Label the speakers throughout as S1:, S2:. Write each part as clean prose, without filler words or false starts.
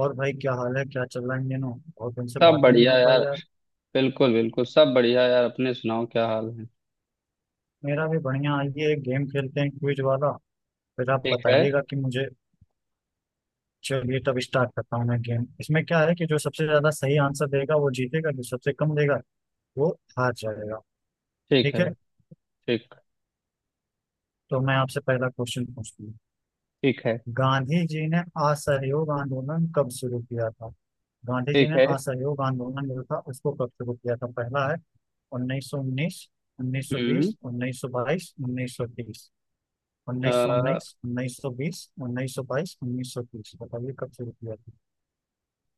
S1: और भाई, क्या हाल है? क्या चल रहा है इन दिनों? बहुत दिन से
S2: सब
S1: बातें नहीं
S2: बढ़िया
S1: हो पाई,
S2: यार।
S1: यार।
S2: बिल्कुल बिल्कुल सब बढ़िया यार, अपने सुनाओ क्या हाल है।
S1: मेरा भी बढ़िया। आइए, एक गेम खेलते हैं, क्विज वाला। फिर आप
S2: ठीक है।
S1: बताइएगा कि मुझे। चलिए, तब स्टार्ट करता हूँ मैं गेम। इसमें क्या है कि जो सबसे ज्यादा सही आंसर देगा वो जीतेगा, जो सबसे कम देगा वो हार जाएगा।
S2: ठीक
S1: ठीक
S2: है।
S1: है।
S2: ठीक।
S1: तो मैं आपसे पहला क्वेश्चन पूछती हूँ।
S2: ठीक है।
S1: गांधी जी ने असहयोग आंदोलन कब शुरू किया था? गांधी जी
S2: ठीक
S1: ने
S2: है।
S1: असहयोग आंदोलन जो था उसको कब शुरू किया था? पहला है 1919, उन्नीस सौ
S2: हम्म
S1: बीस 1922, 1930। उन्नीस सौ
S2: अ,
S1: उन्नीस, उन्नीस सौ बीस, उन्नीस सौ बाईस, उन्नीस सौ तीस। बताइए कब शुरू किया था।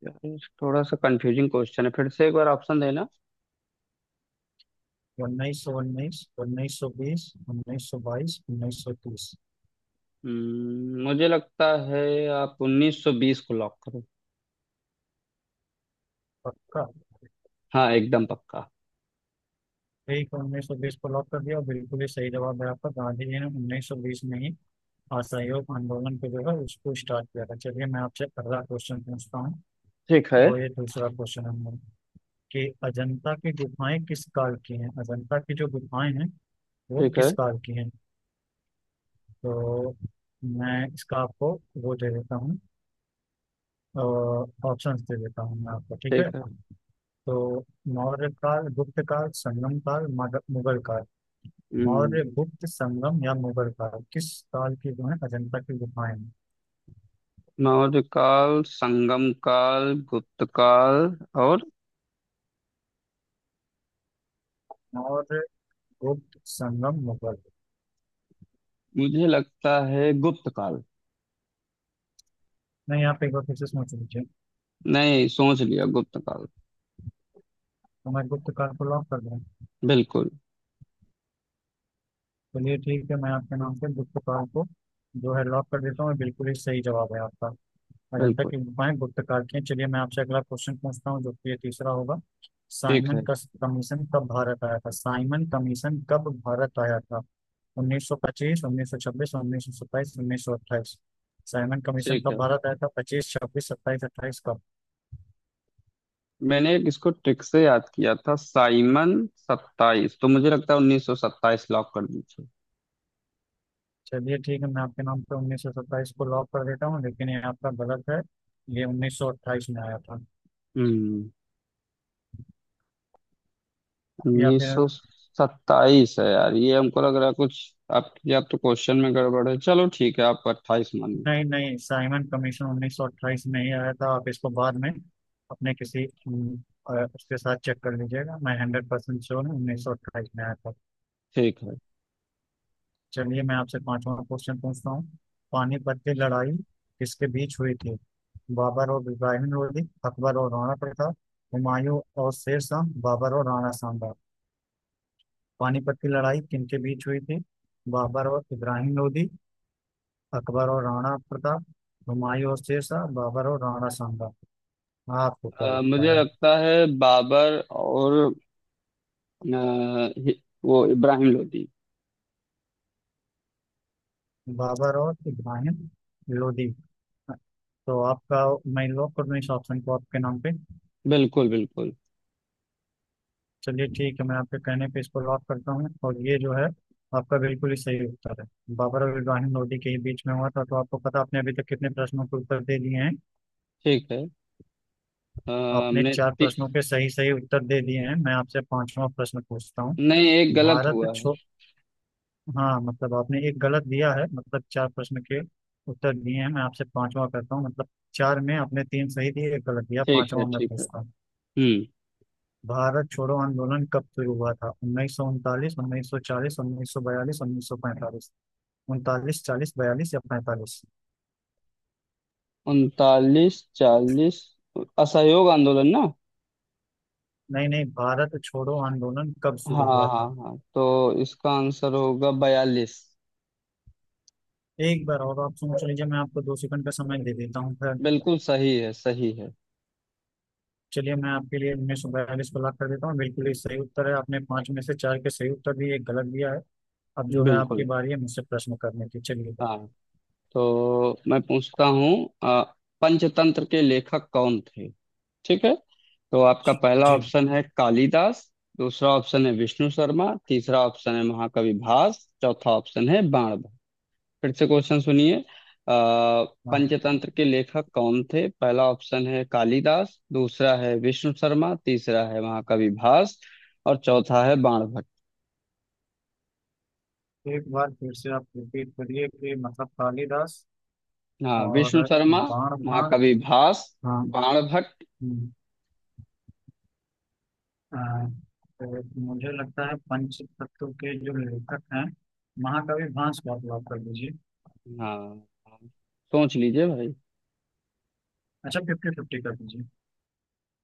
S2: यार, थोड़ा सा कंफ्यूजिंग क्वेश्चन है, फिर से एक बार ऑप्शन देना।
S1: उन्नीस सौ उन्नीस, उन्नीस सौ बीस, उन्नीस सौ बाईस, उन्नीस सौ तीस।
S2: मुझे लगता है आप 1920 को लॉक करो।
S1: पक्का?
S2: हाँ एकदम पक्का।
S1: ठीक है, 1920 को लॉक कर दिया। बिल्कुल ही सही जवाब है आपका। गांधी जी ने 1920 में ही असहयोग आंदोलन को जो है उसको स्टार्ट किया था। चलिए, मैं आपसे अगला क्वेश्चन पूछता हूँ।
S2: ठीक है।
S1: और ये दूसरा क्वेश्चन हम, कि अजंता की गुफाएं किस काल की हैं? अजंता की जो गुफाएं हैं वो
S2: ठीक है।
S1: किस काल की हैं? तो मैं इसका आपको वो दे देता हूँ, ऑप्शंस दे देता हूँ मैं आपको। ठीक
S2: ठीक
S1: है।
S2: है।
S1: तो मौर्य काल, गुप्त काल, संगम काल, मुगल काल। मौर्य,
S2: हम्म,
S1: गुप्त, संगम या मुगल काल, किस काल की जो है अजंता की गुफाएं हैं?
S2: मौर्य काल, संगम काल, गुप्त काल और
S1: मौर्य, गुप्त, संगम, मुगल।
S2: मुझे लगता है गुप्त काल।
S1: नहीं, आप एक बार फिर से सोच लीजिए।
S2: नहीं सोच लिया, गुप्त काल।
S1: तो मैं गुप्त काल को लॉक कर दूँ?
S2: बिल्कुल
S1: चलिए ठीक है, मैं आपके नाम से गुप्त काल को जो है लॉक कर देता हूँ। बिल्कुल ही सही जवाब है आपका। अजंता
S2: बिल्कुल।
S1: की गुफाएं गुप्तकाल की हैं। चलिए, मैं आपसे अगला क्वेश्चन पूछता हूँ जो कि ये तीसरा होगा।
S2: ठीक
S1: साइमन
S2: है।
S1: कमीशन कब भारत आया था? साइमन कमीशन कब भारत आया था? 1925, 1926, 1927, 1928। साइमन कमीशन
S2: ठीक
S1: कब
S2: है।
S1: भारत आया था? 25, 26, 27, 28, कब?
S2: मैंने एक इसको ट्रिक से याद किया था, साइमन सत्ताईस, तो मुझे लगता है उन्नीस सौ सत्ताईस लॉक कर दीजिए।
S1: चलिए ठीक है, मैं आपके नाम पे 1927 को लॉक कर देता हूँ, लेकिन ये आपका गलत है। ये 1928 में आया था।
S2: हम्म।
S1: या
S2: उन्नीस
S1: फिर,
S2: सौ सत्ताईस है यार ये, हमको लग रहा है कुछ आपकी। आप या तो क्वेश्चन में गड़बड़ है, चलो ठीक है आप अट्ठाईस मानिए।
S1: नहीं नहीं, साइमन कमीशन 1928 में ही आया था। आप इसको बाद में अपने किसी उसके साथ चेक कर लीजिएगा। मैं 100% श्योर हूँ, 1928 में आया था।
S2: ठीक है।
S1: चलिए, मैं आपसे पांचवा क्वेश्चन पूछता हूँ। पानीपत की लड़ाई किसके बीच हुई थी? बाबर और इब्राहिम लोधी, अकबर और राणा प्रताप, हुमायूं और शेर शाह, बाबर और राणा सांबा। पानीपत की लड़ाई किनके बीच हुई थी? बाबर और इब्राहिम लोधी, अकबर और राणा प्रताप, हुमायूं और शेर शाह, बाबर और राणा सांबा। आपको क्या लगता
S2: मुझे
S1: है?
S2: लगता है बाबर और अ, हि- वो इब्राहिम लोदी।
S1: बाबर और इब्राहिम लोदी। तो आपका मैं लॉक कर दूं इस ऑप्शन को आपके नाम पे?
S2: बिल्कुल बिल्कुल।
S1: चलिए ठीक है, मैं आपके कहने पे इसको लॉक करता हूँ, और ये जो है आपका बिल्कुल ही सही उत्तर है। बाबर और इब्राहिम लोदी के ही बीच में हुआ था। तो आपको पता, आपने अभी तक कितने प्रश्नों के उत्तर दे दिए हैं?
S2: ठीक है।
S1: आपने
S2: हमने
S1: चार प्रश्नों के सही सही उत्तर दे दिए हैं। मैं आपसे पांचवा प्रश्न पूछता हूँ।
S2: नहीं एक गलत
S1: भारत
S2: हुआ है।
S1: छो हाँ, मतलब आपने एक गलत दिया है, मतलब 4 प्रश्न के उत्तर दिए हैं। मैं आपसे पांचवा करता हूँ, मतलब चार में आपने तीन सही दिए, एक गलत दिया,
S2: ठीक है।
S1: पांचवा मैं
S2: ठीक है।
S1: पूछता हूँ।
S2: हम्म।
S1: भारत छोड़ो आंदोलन कब शुरू हुआ था? 1939, 1940, 1942, 1945। उनतालीस, चालीस, बयालीस या पैंतालीस?
S2: उनतालीस, चालीस, असहयोग आंदोलन ना।
S1: नहीं नहीं, भारत छोड़ो आंदोलन कब
S2: हाँ
S1: शुरू हुआ
S2: हाँ
S1: था?
S2: हाँ, तो इसका आंसर होगा बयालीस।
S1: एक बार और आप सोच लीजिए, मैं आपको 2 सेकंड का समय दे देता हूँ फिर।
S2: बिल्कुल सही है सही है।
S1: चलिए, मैं आपके लिए 1942 को लॉक कर देता हूँ। बिल्कुल ही सही उत्तर है, आपने 5 में से 4 के सही उत्तर दिए, एक गलत दिया है। अब जो है आपकी
S2: बिल्कुल।
S1: बारी है मुझसे प्रश्न करने की। चलिए।
S2: हाँ, तो मैं पूछता हूँ अ, पंचतंत्र के लेखक कौन थे। ठीक है। तो आपका पहला
S1: जी।
S2: ऑप्शन है कालिदास, दूसरा ऑप्शन है विष्णु शर्मा, तीसरा ऑप्शन है महाकवि भास, चौथा ऑप्शन है बाण। फिर से क्वेश्चन सुनिए।
S1: हाँ।
S2: पंचतंत्र के लेखक कौन थे? पहला ऑप्शन है कालिदास, दूसरा है विष्णु शर्मा, तीसरा है महाकवि भास और चौथा है बाणभट्ट।
S1: एक बार फिर से आप रिपीट करिए कि मतलब कालिदास
S2: हाँ,
S1: और
S2: विष्णु शर्मा,
S1: बाण भाग।
S2: महाकवि भास,
S1: हाँ।
S2: बाणभट्ट।
S1: हम्म, आ, तो मुझे लगता है पंच तत्व के जो लेखक हैं महाकवि भास को आप लॉक कर दीजिए।
S2: हाँ। सोच लीजिए भाई।
S1: अच्छा, फिफ्टी फिफ्टी कर दीजिए।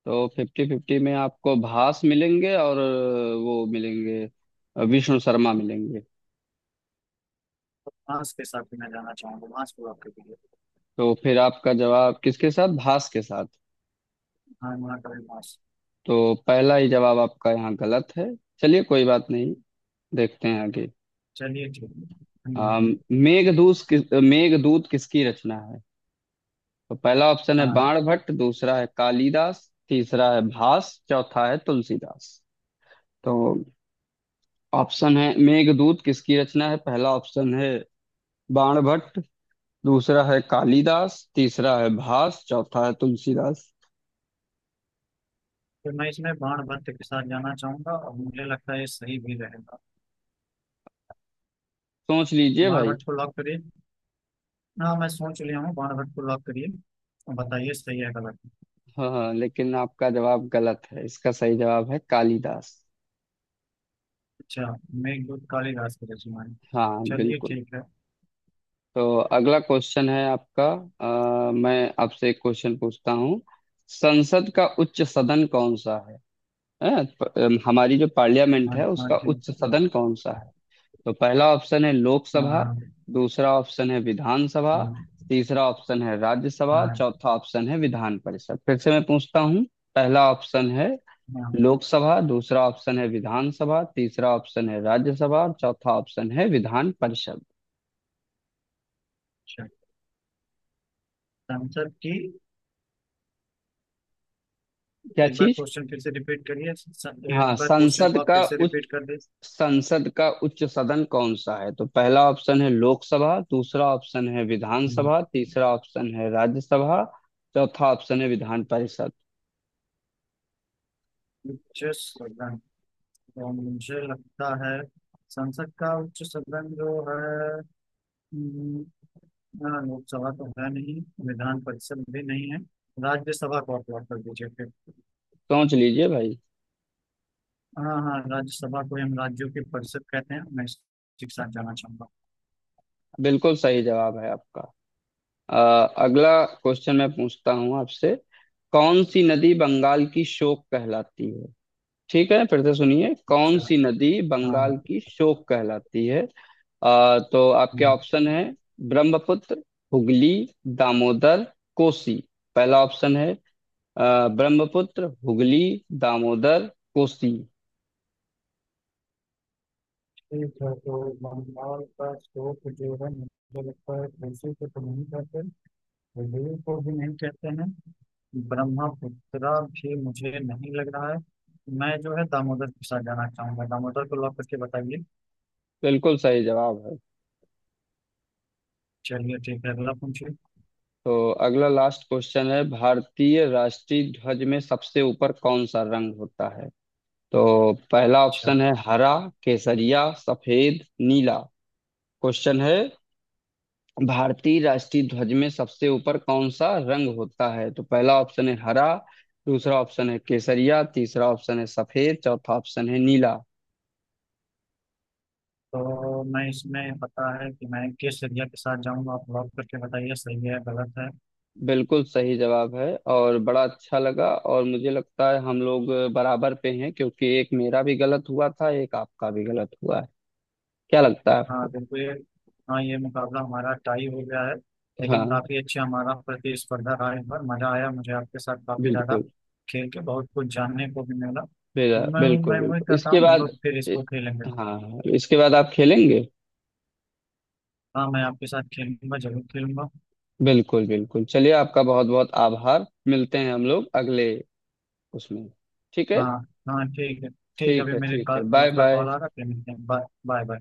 S2: तो फिफ्टी फिफ्टी में आपको भास मिलेंगे और वो मिलेंगे, विष्णु शर्मा मिलेंगे।
S1: भास के साथ ही मैं जाना चाहूंगा, भास को लॉक कर दीजिए।
S2: तो फिर आपका जवाब किसके साथ, भास के साथ?
S1: हाँ, महाकवि भास।
S2: तो पहला ही जवाब आपका यहाँ गलत है। चलिए कोई बात नहीं, देखते हैं अभी।
S1: चलिए ठीक है।
S2: हम।
S1: हम्म,
S2: मेघदूत किसकी रचना है? तो पहला ऑप्शन है
S1: हाँ,
S2: बाणभट्ट, दूसरा है कालिदास, तीसरा है भास, चौथा है तुलसीदास। तो ऑप्शन है, मेघदूत किसकी रचना है? पहला ऑप्शन है बाणभट्ट, दूसरा है कालिदास, तीसरा है भास, चौथा है तुलसीदास।
S1: तो मैं इसमें बाण भट्ट के साथ जाना चाहूंगा और मुझे लगता है ये सही भी रहेगा।
S2: सोच लीजिए
S1: बाण
S2: भाई।
S1: भट्ट को लॉक करिए। हाँ, मैं सोच लिया हूँ, बाण भट्ट को लॉक करिए और बताइए, सही है गलत?
S2: हाँ हाँ, लेकिन आपका जवाब गलत है, इसका सही जवाब है कालिदास।
S1: अच्छा, मेघदूत काली घास के रचना है?
S2: हाँ
S1: चलिए
S2: बिल्कुल।
S1: ठीक है।
S2: तो अगला क्वेश्चन है आपका। मैं आपसे एक क्वेश्चन पूछता हूँ, संसद का उच्च सदन कौन सा है? हैं? हमारी जो पार्लियामेंट
S1: हाँ।
S2: है
S1: हाँ,
S2: उसका
S1: ठीक
S2: उच्च
S1: है।
S2: सदन कौन सा है? तो पहला ऑप्शन है लोकसभा,
S1: हाँ।
S2: दूसरा ऑप्शन है विधानसभा,
S1: हाँ
S2: तीसरा ऑप्शन है राज्यसभा,
S1: हाँ
S2: चौथा ऑप्शन है विधान परिषद। फिर से मैं पूछता हूँ, पहला ऑप्शन है
S1: हाँ
S2: लोकसभा, दूसरा ऑप्शन है विधानसभा, तीसरा ऑप्शन है राज्यसभा और चौथा ऑप्शन है विधान परिषद।
S1: अच्छा। संसद की?
S2: क्या
S1: एक बार
S2: चीज?
S1: क्वेश्चन फिर से रिपीट करिए।
S2: हाँ,
S1: एक बार क्वेश्चन को आप फिर से रिपीट कर दीजिए।
S2: संसद का उच्च सदन कौन सा है? तो पहला ऑप्शन है लोकसभा, दूसरा ऑप्शन है विधानसभा,
S1: हाँ।
S2: तीसरा ऑप्शन है राज्यसभा, चौथा ऑप्शन है विधान परिषद।
S1: उच्च सदन? तो मुझे लगता है संसद का उच्च सदन जो है, हम्म, हाँ, लोकसभा तो है नहीं, विधान परिषद भी नहीं है, राज्यसभा को आप अलॉट कर दीजिए फिर।
S2: सोच लीजिए भाई।
S1: हाँ हाँ, राज्यसभा को हम राज्यों की परिषद कहते हैं, मैं इसके साथ जाना चाहूंगा।
S2: बिल्कुल सही जवाब है आपका। अगला क्वेश्चन मैं पूछता हूँ आपसे, कौन सी नदी बंगाल की शोक कहलाती है? ठीक है, फिर से सुनिए, कौन
S1: अच्छा।
S2: सी नदी
S1: हाँ।
S2: बंगाल की शोक कहलाती है? तो आपके
S1: हाँ।
S2: ऑप्शन है ब्रह्मपुत्र, हुगली, दामोदर, कोसी। पहला ऑप्शन है ब्रह्मपुत्र, हुगली, दामोदर, कोसी।
S1: ठीक है, तो बंगाल का स्रोत जो है, मुझे लगता है तुलसी को तो नहीं कहते, हृदय को भी नहीं कहते हैं, ब्रह्मपुत्रा भी मुझे नहीं लग रहा है, मैं जो है दामोदर के साथ जाना चाहूंगा। दामोदर को लॉक करके बताइए।
S2: बिल्कुल सही जवाब है।
S1: चलिए ठीक है, अगला पूछिए।
S2: तो अगला लास्ट क्वेश्चन है, भारतीय राष्ट्रीय ध्वज में सबसे ऊपर कौन सा रंग होता है? तो पहला
S1: अच्छा।
S2: ऑप्शन है हरा, केसरिया, सफेद, नीला। क्वेश्चन है, भारतीय राष्ट्रीय ध्वज में सबसे ऊपर कौन सा रंग होता है? तो पहला ऑप्शन है हरा, दूसरा ऑप्शन है केसरिया, तीसरा ऑप्शन है सफेद, चौथा ऑप्शन है नीला।
S1: तो मैं इसमें पता है कि मैं किस एरिया के साथ जाऊंगा, आप लॉक करके बताइए सही है गलत है।
S2: बिल्कुल सही जवाब है। और बड़ा अच्छा लगा, और मुझे लगता है हम लोग बराबर पे हैं, क्योंकि एक मेरा भी गलत हुआ था, एक आपका भी गलत हुआ है। क्या लगता है
S1: हाँ,
S2: आपको?
S1: बिल्कुल। ये, हाँ, ये मुकाबला हमारा टाई हो गया है। लेकिन
S2: हाँ
S1: काफ़ी अच्छा हमारा प्रतिस्पर्धा रहा, इस बार मज़ा आया मुझे आपके साथ काफ़ी ज़्यादा।
S2: बिल्कुल।
S1: खेल के बहुत कुछ जानने को भी मिला, तो
S2: बिल्कुल
S1: मैं
S2: बिल्कुल
S1: मैं उम्मीद
S2: बिल्कुल
S1: करता
S2: इसके
S1: हूँ हम
S2: बाद।
S1: लोग फिर इसको खेलेंगे।
S2: हाँ इसके बाद आप खेलेंगे।
S1: हाँ, मैं आपके साथ खेलूंगा, जरूर खेलूंगा।
S2: बिल्कुल बिल्कुल, चलिए आपका बहुत बहुत आभार, मिलते हैं हम लोग अगले उसमें। ठीक है।
S1: हाँ। हाँ, ठीक है। ठीक है,
S2: ठीक
S1: अभी
S2: है।
S1: मेरे
S2: ठीक है, बाय
S1: दोस्त का कॉल
S2: बाय।
S1: आ रहा है, फिर मिलते हैं, बाय बाय बाय।